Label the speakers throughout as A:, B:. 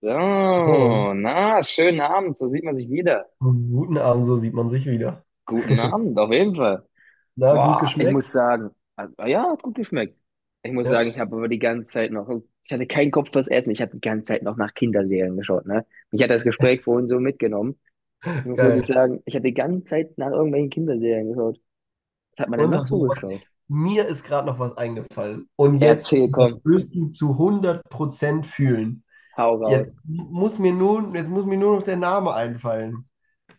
A: So,
B: Moin.
A: na, schönen Abend, so sieht man sich wieder.
B: Guten Abend, so sieht man sich wieder.
A: Guten Abend, auf jeden Fall.
B: Na, gut
A: Boah, ich muss
B: geschmeckt?
A: sagen, also, ja, hat gut geschmeckt. Ich muss sagen,
B: Ja,
A: ich habe aber die ganze Zeit noch, ich hatte keinen Kopf fürs Essen, ich habe die ganze Zeit noch nach Kinderserien geschaut, ne? Mich hat das Gespräch vorhin so mitgenommen. Ich muss wirklich
B: geil.
A: sagen, ich habe die ganze Zeit nach irgendwelchen Kinderserien geschaut. Was hat man denn
B: Und
A: noch
B: hast du
A: so
B: noch was?
A: geschaut?
B: Mir ist gerade noch was eingefallen. Und jetzt,
A: Erzähl,
B: das
A: komm,
B: wirst du zu 100% fühlen.
A: hau
B: Jetzt
A: raus.
B: muss mir nur, jetzt muss mir nur noch der Name einfallen.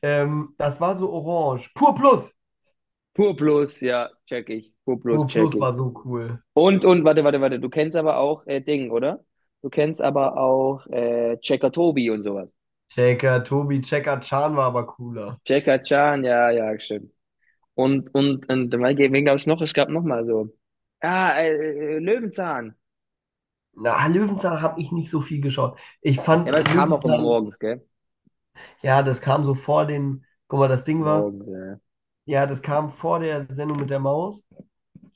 B: Das war so orange. Pur Plus.
A: Pur Plus, ja, check ich. Pur Plus,
B: Pur
A: check
B: Plus
A: ich.
B: war so cool.
A: Und warte, warte, warte, du kennst aber auch Ding, oder? Du kennst aber auch Checker Tobi und sowas.
B: Checker, Tobi, Checker, Chan war aber cooler.
A: Checker Chan, ja, ja, stimmt. Und, wen gab es noch? Es gab noch mal so. Ah, Löwenzahn.
B: Na, Löwenzahn habe ich nicht so viel geschaut. Ich fand
A: Ja, aber es kam auch immer
B: Löwenzahn,
A: morgens, gell?
B: ja, das kam so vor den, guck mal, das Ding war.
A: Morgens, ja.
B: Ja, das kam vor der Sendung mit der Maus.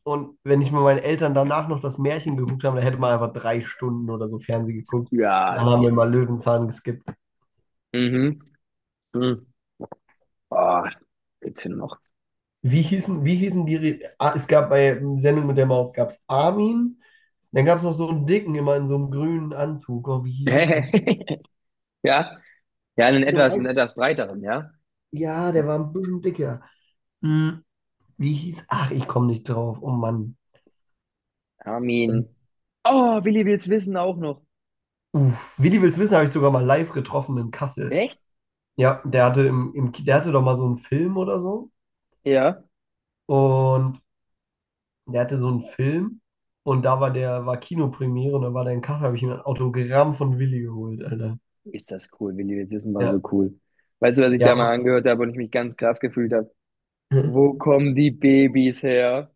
B: Und wenn ich mit meinen Eltern danach noch das Märchen geguckt habe, dann hätte man einfach 3 Stunden oder so Fernsehen geguckt. Und
A: Ja,
B: dann
A: das
B: haben
A: geht
B: wir mal
A: nicht.
B: Löwenzahn geskippt.
A: Mhm. Mhm. Oh, gibt's denn noch?
B: Wie hießen die? Ah, es gab bei Sendung mit der Maus gab's Armin. Dann gab es noch so einen Dicken, immer in so einem grünen Anzug. Oh, wie hieß er?
A: Ja, ja, einen
B: Du
A: etwas, einen
B: weißt,
A: etwas breiteren, ja?
B: ja, der war ein bisschen dicker. Hm, wie hieß? Ach, ich komme nicht drauf. Oh Mann.
A: Armin. Oh, Willi will's wissen auch noch.
B: Uff, wie die willst wissen, habe ich sogar mal live getroffen in Kassel.
A: Echt?
B: Ja, der hatte im, im, Ki- der hatte doch mal so einen Film oder so.
A: Ja.
B: Und der hatte so einen Film und da war der, war Kinopremiere und da war der in Kassel, habe ich mir ein Autogramm von Willi geholt, Alter.
A: Ist das cool, Willi? Das ist mal so
B: Ja.
A: cool. Weißt du, was ich
B: Ja.
A: da mal angehört habe und ich mich ganz krass gefühlt habe? Wo kommen die Babys her?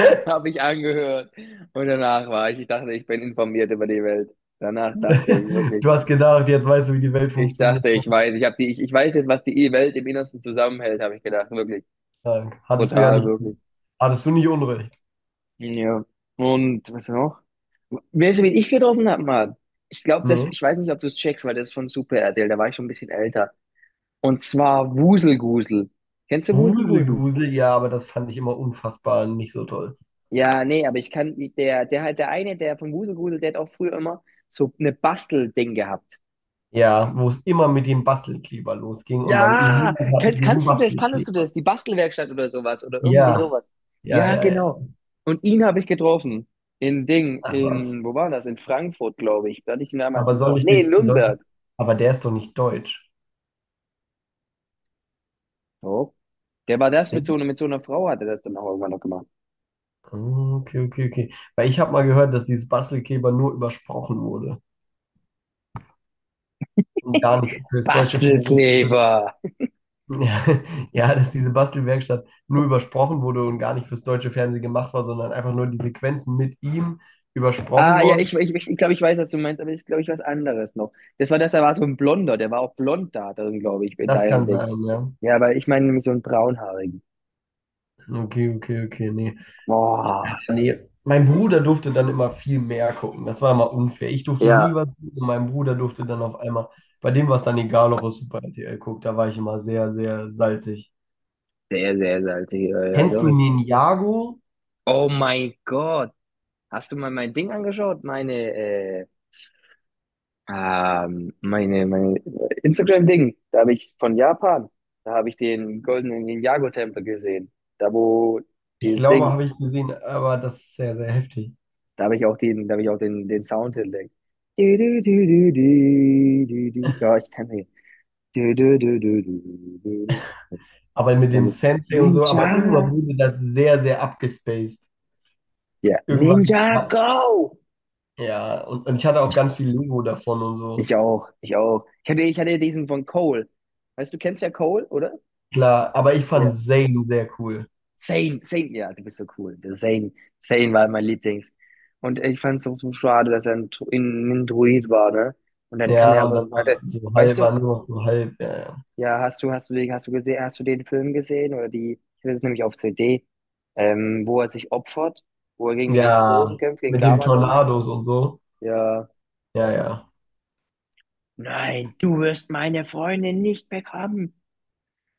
A: Habe ich angehört. Und danach war ich, ich dachte, ich bin informiert über die Welt. Danach dachte ich wirklich,
B: Du hast gedacht, jetzt weißt du, wie die Welt
A: ich
B: funktioniert.
A: dachte, ich weiß, ich habe die, ich weiß jetzt, was die Welt im Innersten zusammenhält, habe ich gedacht, wirklich.
B: Dank.
A: Brutal, wirklich.
B: Hattest du nicht Unrecht.
A: Ja. Und was noch? Weißt du, wen ich getroffen habe, Mann? Ich glaube, das,
B: Nee.
A: ich weiß nicht, ob du es checkst, weil das ist von Super RTL, da war ich schon ein bisschen älter. Und zwar Wuselgusel. Kennst du
B: Wusel,
A: Wuselgusel?
B: Grusel, ja, aber das fand ich immer unfassbar nicht so toll.
A: Ja, nee, aber ich kann nicht, der halt, der eine, der von Wuselgusel, der hat auch früher immer so eine Bastelding gehabt.
B: Ja, wo es immer mit dem Bastelkleber losging und man
A: Ja,
B: niemand hatte diesen
A: kannst du das, kannst du
B: Bastelkleber.
A: das? Die Bastelwerkstatt oder sowas oder irgendwie
B: Ja,
A: sowas.
B: ja,
A: Ja,
B: ja, ja.
A: genau. Und ihn habe ich getroffen. In Ding,
B: Ach was.
A: wo war das? In Frankfurt, glaube ich. Da hatte ich ihn damals
B: Aber
A: in
B: soll
A: Vor.
B: ich
A: Nee, in
B: dich, soll,
A: Nürnberg.
B: aber der ist doch nicht deutsch.
A: Oh. Der war das
B: Seht
A: mit so, einer-
B: ihr?
A: mit so einer Frau, hat er das dann auch irgendwann noch gemacht.
B: Ah, okay, okay, okay. Weil ich habe mal gehört, dass dieses Bastelkleber nur übersprochen wurde und gar nicht fürs deutsche Fernsehen benutzt.
A: Bastelkleber.
B: Ja, ja, dass diese Bastelwerkstatt nur übersprochen wurde und gar nicht fürs deutsche Fernsehen gemacht war, sondern einfach nur die Sequenzen mit ihm übersprochen
A: Ah, ja, ich,
B: wurden.
A: ich, ich glaube, ich weiß, was du meinst, aber ich glaube, ich was anderes noch. Das war das, da war so ein Blonder, der war auch blond da drin, glaube ich, in
B: Das
A: deinem
B: kann
A: Ding.
B: sein, ja.
A: Ja, aber ich meine nämlich so einen braunhaarigen.
B: Okay, okay, okay. Nee,
A: Boah.
B: nee, mein Bruder durfte dann immer viel mehr gucken. Das war immer unfair. Ich durfte nie
A: Ja,
B: was gucken. Mein Bruder durfte dann auf einmal, bei dem war es dann egal, ob er Super RTL guckt. Da war ich immer sehr, sehr salzig.
A: sehr, sehr salzig, ja, ja,
B: Kennst
A: doch.
B: du
A: Ich.
B: Ninjago?
A: Oh mein Gott. Hast du mal mein Ding angeschaut? Meine Instagram-Ding. Da habe ich von Japan, da habe ich den goldenen Ninjago-Tempel gesehen. Da, wo
B: Ich
A: dieses
B: glaube,
A: Ding.
B: habe ich gesehen, aber das ist sehr, sehr heftig.
A: Da habe ich auch den, da habe ich auch den, den Sound hinlegt. Du, du, du, du, du, du, du. Ja, ich kann den. Du, du, du, du, du, du, du.
B: Aber mit dem
A: Also,
B: Sensei und so,
A: Ninja.
B: aber irgendwann wurde das sehr, sehr abgespaced.
A: Ja,
B: Irgendwann,
A: Ninja Go!
B: ja, und ich hatte auch ganz viel Lego davon und so.
A: Ich auch, ich auch. Ich hatte diesen von Cole. Weißt du, du kennst ja Cole, oder?
B: Klar, aber ich
A: Ja.
B: fand Zane sehr cool.
A: Zayn, Zayn, ja, du bist so cool. Der Zayn, Zayn war mein Lieblings. Und ich fand es auch so schade, dass er ein Druid war, ne? Und dann kann er
B: Ja, und
A: aber,
B: dann
A: hatte,
B: war so
A: weißt
B: halb,
A: du.
B: war nur noch so halb. Ja,
A: Ja, hast du den, hast du gesehen, hast du den Film gesehen oder die, ich hatte es nämlich auf CD, wo er sich opfert, wo er gegen die ganz
B: ja,
A: Großen kämpft, gegen
B: mit dem
A: Garmadon.
B: Tornados und so.
A: Ja.
B: Ja, ja.
A: Nein, du wirst meine Freundin nicht bekommen.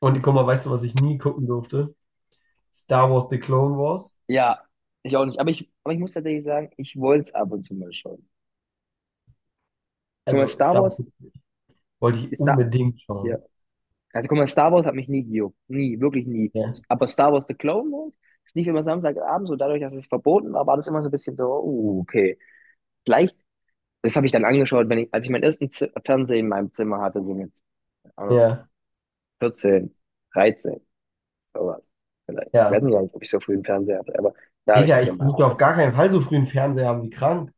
B: Und guck mal, weißt du, was ich nie gucken durfte? Star Wars The Clone Wars.
A: Ja, ich auch nicht. aber ich muss tatsächlich sagen, ich wollte es ab und zu mal schauen. Guck mal,
B: Also
A: Star
B: Star Wars
A: Wars
B: wollte ich
A: ist da.
B: unbedingt
A: Ja.
B: schauen.
A: Also, guck mal, Star Wars hat mich nie gejuckt. Nie, wirklich nie.
B: Ja,
A: Aber Star Wars The Clone Wars ist nicht immer Samstagabend, so dadurch, dass es verboten war, war das immer so ein bisschen so, okay. Gleich Das habe ich dann angeschaut, wenn ich, als ich meinen ersten Z Fernseher in meinem Zimmer hatte, so mit keine Ahnung,
B: ja,
A: 14, 13, sowas. Vielleicht. Ich
B: ja.
A: weiß nicht, halt, ob ich so früh einen Fernseher hatte, aber da habe ich
B: Digga,
A: es
B: ich
A: dann mal
B: durfte auf gar
A: abgesehen.
B: keinen Fall so früh einen Fernseher haben wie krank.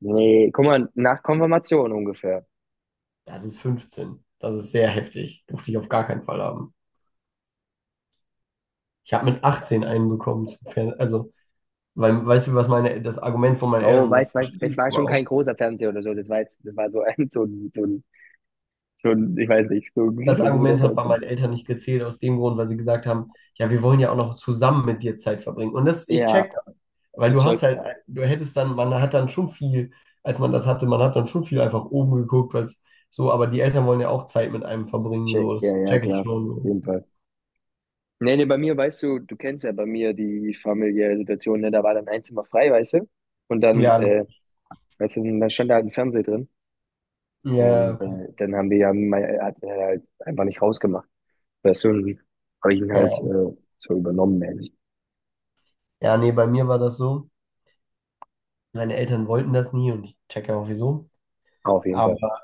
A: Nee, guck mal, nach Konfirmation ungefähr.
B: Das ist 15. Das ist sehr heftig. Durfte ich auf gar keinen Fall haben. Ich habe mit 18 einen bekommen zum Fernseher. Also, weil, weißt du, was meine, das Argument von meinen
A: Oh,
B: Eltern, das
A: weiß,
B: verstehe
A: das
B: ich
A: war schon kein
B: überhaupt.
A: großer Fernseher oder so. Das war jetzt, das war so ein, ich weiß nicht, so ein nicht
B: Das
A: so guter
B: Argument hat bei
A: Fernseher.
B: meinen Eltern nicht gezählt, aus dem Grund, weil sie gesagt haben, ja, wir wollen ja auch noch zusammen mit dir Zeit verbringen. Und das, ich
A: Ja,
B: check das, weil
A: ich
B: du hast
A: check,
B: halt,
A: ja.
B: du hättest dann, man hat dann schon viel, als man das hatte, man hat dann schon viel einfach oben geguckt, weil so, aber die Eltern wollen ja auch Zeit mit einem verbringen,
A: Check,
B: so,
A: ja,
B: das
A: ja,
B: check ich
A: klar. Auf
B: schon.
A: jeden Fall. Nee, nee, bei mir, weißt du, du kennst ja bei mir die familiäre Situation, ne? Da war dann ein Zimmer frei, weißt du? Und
B: So.
A: dann
B: Ja,
A: äh, Weißt du, und dann stand da halt ein Fernseher drin
B: ja,
A: und
B: okay.
A: dann haben wir ja, mein, hat er halt einfach nicht rausgemacht. Weißt du, und habe ich ihn halt
B: Ja,
A: so übernommen, mäßig.
B: ja, nee, bei mir war das so, meine Eltern wollten das nie und ich checke auch wieso.
A: Auf jeden Fall.
B: Aber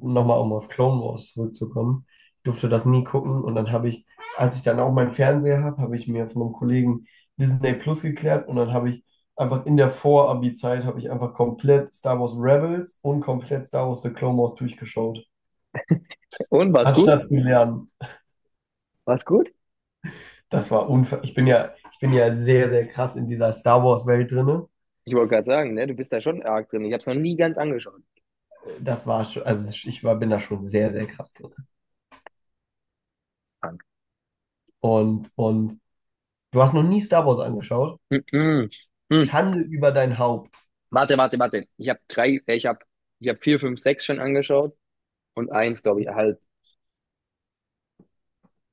B: nochmal um auf Clone Wars zurückzukommen, ich durfte das nie gucken und dann habe ich, als ich dann auch meinen Fernseher habe, habe ich mir von einem Kollegen Disney Plus geklärt und dann habe ich einfach in der Vor-Abi-Zeit habe ich einfach komplett Star Wars Rebels und komplett Star Wars The Clone Wars durchgeschaut.
A: Und war's gut?
B: Anstatt zu lernen.
A: War's gut?
B: Das war unfair. Ich bin ja sehr, sehr krass in dieser Star Wars-Welt drinne.
A: Ich wollte gerade sagen, ne, du bist da schon arg drin. Ich habe es noch nie ganz angeschaut.
B: Das war schon, also ich war, bin da schon sehr, sehr krass drin.
A: Frank.
B: Und du hast noch nie Star Wars angeschaut?
A: Mm-mm. Mm.
B: Schande über dein Haupt.
A: Warte, warte, warte. Ich habe ich habe vier, fünf, sechs schon angeschaut und eins, glaube ich, halt.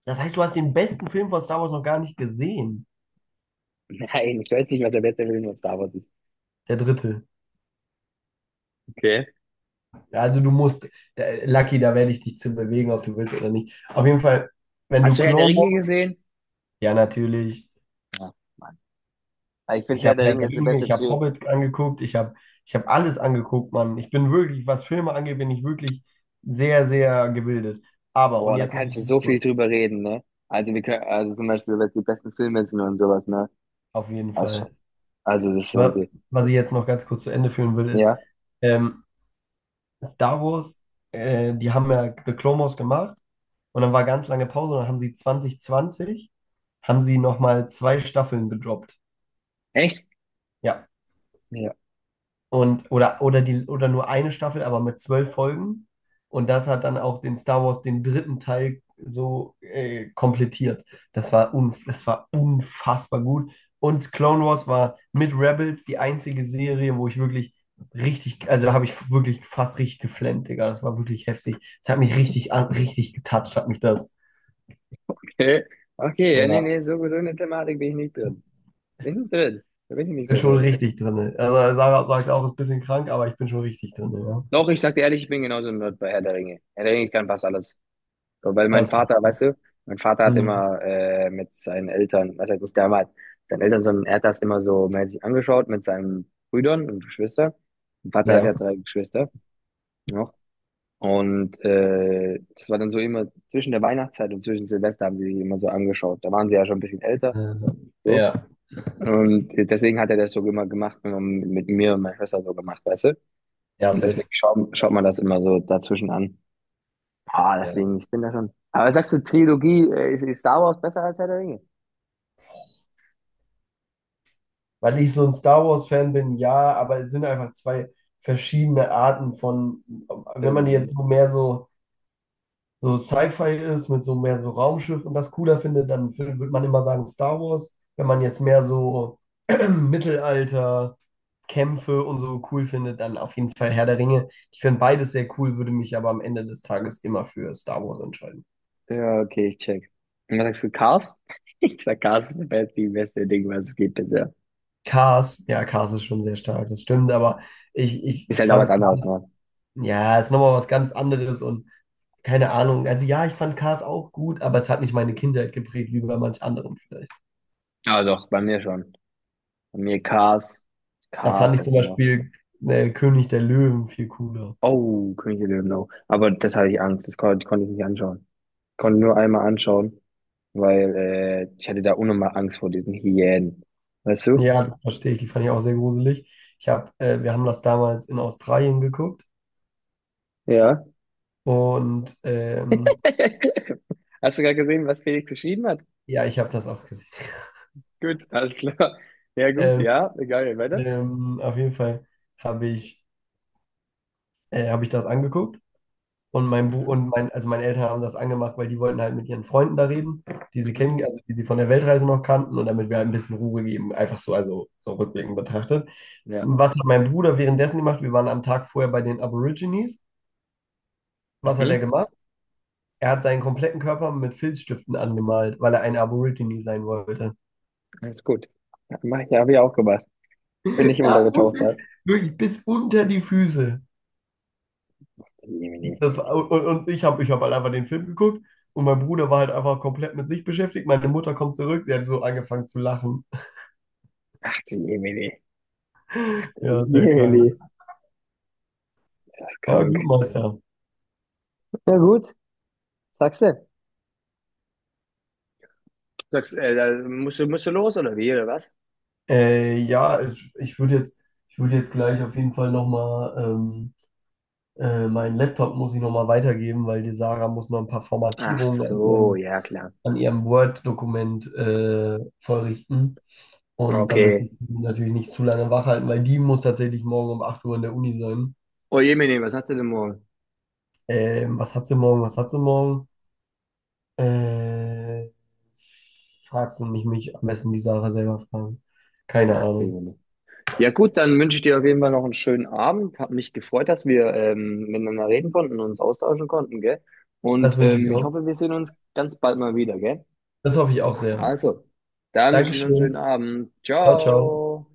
B: Das heißt, du hast den besten Film von Star Wars noch gar nicht gesehen.
A: Nein, ich weiß nicht, was der beste Film von Star Wars ist.
B: Der dritte.
A: Okay.
B: Ja, also du musst, da, Lucky, da werde ich dich zu bewegen, ob du willst oder nicht. Auf jeden Fall, wenn du
A: Hast du Herr der
B: Clone
A: Ringe
B: Wars,
A: gesehen?
B: ja natürlich.
A: Ja, Mann. Aber ich finde
B: Ich
A: Herr
B: habe
A: der
B: Herr
A: Ringe
B: der
A: ist eine
B: Ringe,
A: beste.
B: ich habe Hobbit angeguckt, ich hab alles angeguckt, Mann. Ich bin wirklich, was Filme angeht, bin ich wirklich sehr, sehr gebildet. Aber, und
A: Boah, da
B: jetzt mal
A: kannst du
B: ganz
A: so viel
B: kurz,
A: drüber reden, ne? Also wir können, also zum Beispiel, was die besten Filme sind und sowas, ne?
B: auf jeden Fall.
A: Also, also das ist
B: Wa-
A: also,
B: Was ich jetzt noch ganz kurz zu Ende führen will, ist,
A: ja.
B: ähm, Star Wars, die haben ja The Clone Wars gemacht und dann war ganz lange Pause und dann haben sie 2020 haben sie nochmal zwei Staffeln gedroppt.
A: Echt?
B: Ja,
A: Ja.
B: und, oder nur eine Staffel, aber mit 12 Folgen. Und das hat dann auch den Star Wars, den dritten Teil, so komplettiert. Das war unfassbar gut. Und Clone Wars war mit Rebels die einzige Serie, wo ich wirklich richtig, also da habe ich wirklich fast richtig geflennt, Digga. Das war wirklich heftig. Das hat mich richtig getatscht, hat mich das.
A: Okay. Okay, ja, nee,
B: Ja,
A: nee, so, in der Thematik bin ich nicht drin. Bin ich nicht drin. Da bin ich nicht
B: bin
A: so
B: schon
A: drin.
B: richtig drin. Also Sarah sagt auch, ist ein bisschen krank, aber ich bin schon richtig drin, ja.
A: Doch, ich sag dir ehrlich, ich bin genauso ein Nerd bei Herr der Ringe. Herr der Ringe kann fast alles. So, weil mein
B: Das,
A: Vater, weißt du, mein Vater hat
B: mhm.
A: immer mit seinen Eltern, was heißt nicht damals, seinen Eltern, sondern er hat das immer so mäßig angeschaut mit seinen Brüdern und Geschwistern. Mein Vater hat ja
B: Ja.
A: drei Geschwister, ne? Und das war dann so immer zwischen der Weihnachtszeit und zwischen Silvester haben die sich immer so angeschaut. Da waren sie ja schon ein bisschen älter,
B: Äh,
A: so.
B: Ja.
A: Und deswegen hat er das so immer gemacht, immer mit mir und meiner Schwester so gemacht, weißt du?
B: Ja,
A: Und
B: safe.
A: deswegen schaut man das immer so dazwischen an. Ah,
B: Ja.
A: deswegen, ich bin da schon. Aber sagst du, Trilogie, ist Star Wars besser als Herr der Ringe?
B: Weil ich so ein Star Wars-Fan bin, ja, aber es sind einfach zwei verschiedene Arten von, wenn man
A: Film, ne?
B: jetzt so mehr so, so Sci-Fi ist, mit so mehr so Raumschiff und das cooler findet, dann würde man immer sagen Star Wars. Wenn man jetzt mehr so Mittelalter, Kämpfe und so cool findet, dann auf jeden Fall Herr der Ringe. Ich finde beides sehr cool, würde mich aber am Ende des Tages immer für Star Wars entscheiden.
A: Ja, okay, ich check. Und was sagst du, Cars? Ich sag, Cars ist das beste, die beste Ding, was es gibt bisher.
B: Cars, ja, Cars ist schon sehr stark, das stimmt, aber ich,
A: Ist
B: ich
A: halt auch was
B: fand.
A: anderes, ne?
B: Hm. Ja, ist nochmal was ganz anderes und keine Ahnung. Also ja, ich fand Cars auch gut, aber es hat nicht meine Kindheit geprägt, wie bei manch anderem vielleicht.
A: Aber doch, bei mir schon. Bei mir Cars.
B: Da fand
A: Cars,
B: ich
A: was
B: zum
A: da noch?
B: Beispiel König der Löwen viel cooler.
A: Oh, König der Löwen auch. Aber das hatte ich Angst. Das konnte ich nicht anschauen. Konnte nur einmal anschauen, weil ich hatte da unnormal Angst vor diesen Hyänen. Weißt du?
B: Ja, das verstehe ich. Die fand ich auch sehr gruselig. Wir haben das damals in Australien geguckt
A: Ja.
B: und
A: Hast du gerade gesehen, was Felix geschrieben hat?
B: ja, ich habe das auch gesehen.
A: Gut, alles klar. Ja, gut,
B: Ähm,
A: ja, egal, weiter.
B: auf jeden Fall habe hab ich das angeguckt. Und mein Bu
A: Mhm.
B: und mein, also meine Eltern haben das angemacht, weil die wollten halt mit ihren Freunden da reden, die sie
A: Mhm.
B: kennen, also die sie von der Weltreise noch kannten und damit wir halt ein bisschen Ruhe geben, einfach so, also so rückblickend betrachtet.
A: Ja.
B: Was hat mein Bruder währenddessen gemacht? Wir waren am Tag vorher bei den Aborigines. Was hat er
A: Mhm.
B: gemacht? Er hat seinen kompletten Körper mit Filzstiften angemalt, weil er ein Aborigine sein wollte.
A: Alles gut. Ja, mach ich, habe ich auch gemacht. Bin ich
B: Ja, und
A: untergetaucht da.
B: bis, wirklich bis unter die Füße.
A: Jemini.
B: Das war, und ich hab halt einfach den Film geguckt und mein Bruder war halt einfach komplett mit sich beschäftigt. Meine Mutter kommt zurück, sie hat so angefangen zu lachen.
A: Ach du Jemini.
B: Ja, sehr krank.
A: Jemini. Das ist
B: Ja, gut,
A: krank.
B: Meister.
A: Na gut. Sagst du? Sagst, da musst du los oder wie, oder was?
B: Ja, ich würde jetzt, ich würde jetzt, gleich auf jeden Fall nochmal, meinen Laptop muss ich nochmal weitergeben, weil die Sarah muss noch ein paar
A: Ach
B: Formatierungen an
A: so,
B: ihrem,
A: ja klar.
B: an ihrem Word-Dokument vollrichten. Und da möchte
A: Okay.
B: ich sie natürlich nicht zu lange wach halten, weil die muss tatsächlich morgen um 8 Uhr in der Uni sein.
A: Oh Jemine, was hast du denn morgen?
B: Was hat sie morgen? Was hat sie morgen? Äh, Fragst du mich, mich am besten die Sarah selber fragen. Keine
A: Ach du
B: Ahnung.
A: Jemine. Ja gut, dann wünsche ich dir auf jeden Fall noch einen schönen Abend. Hat mich gefreut, dass wir miteinander reden konnten und uns austauschen konnten, gell? Und
B: Das wünsche ich
A: ich
B: auch.
A: hoffe, wir sehen uns ganz bald mal wieder, gell?
B: Das hoffe ich auch sehr.
A: Also, dann wünsche ich dir noch einen schönen
B: Dankeschön.
A: Abend.
B: Ciao, ciao.
A: Ciao.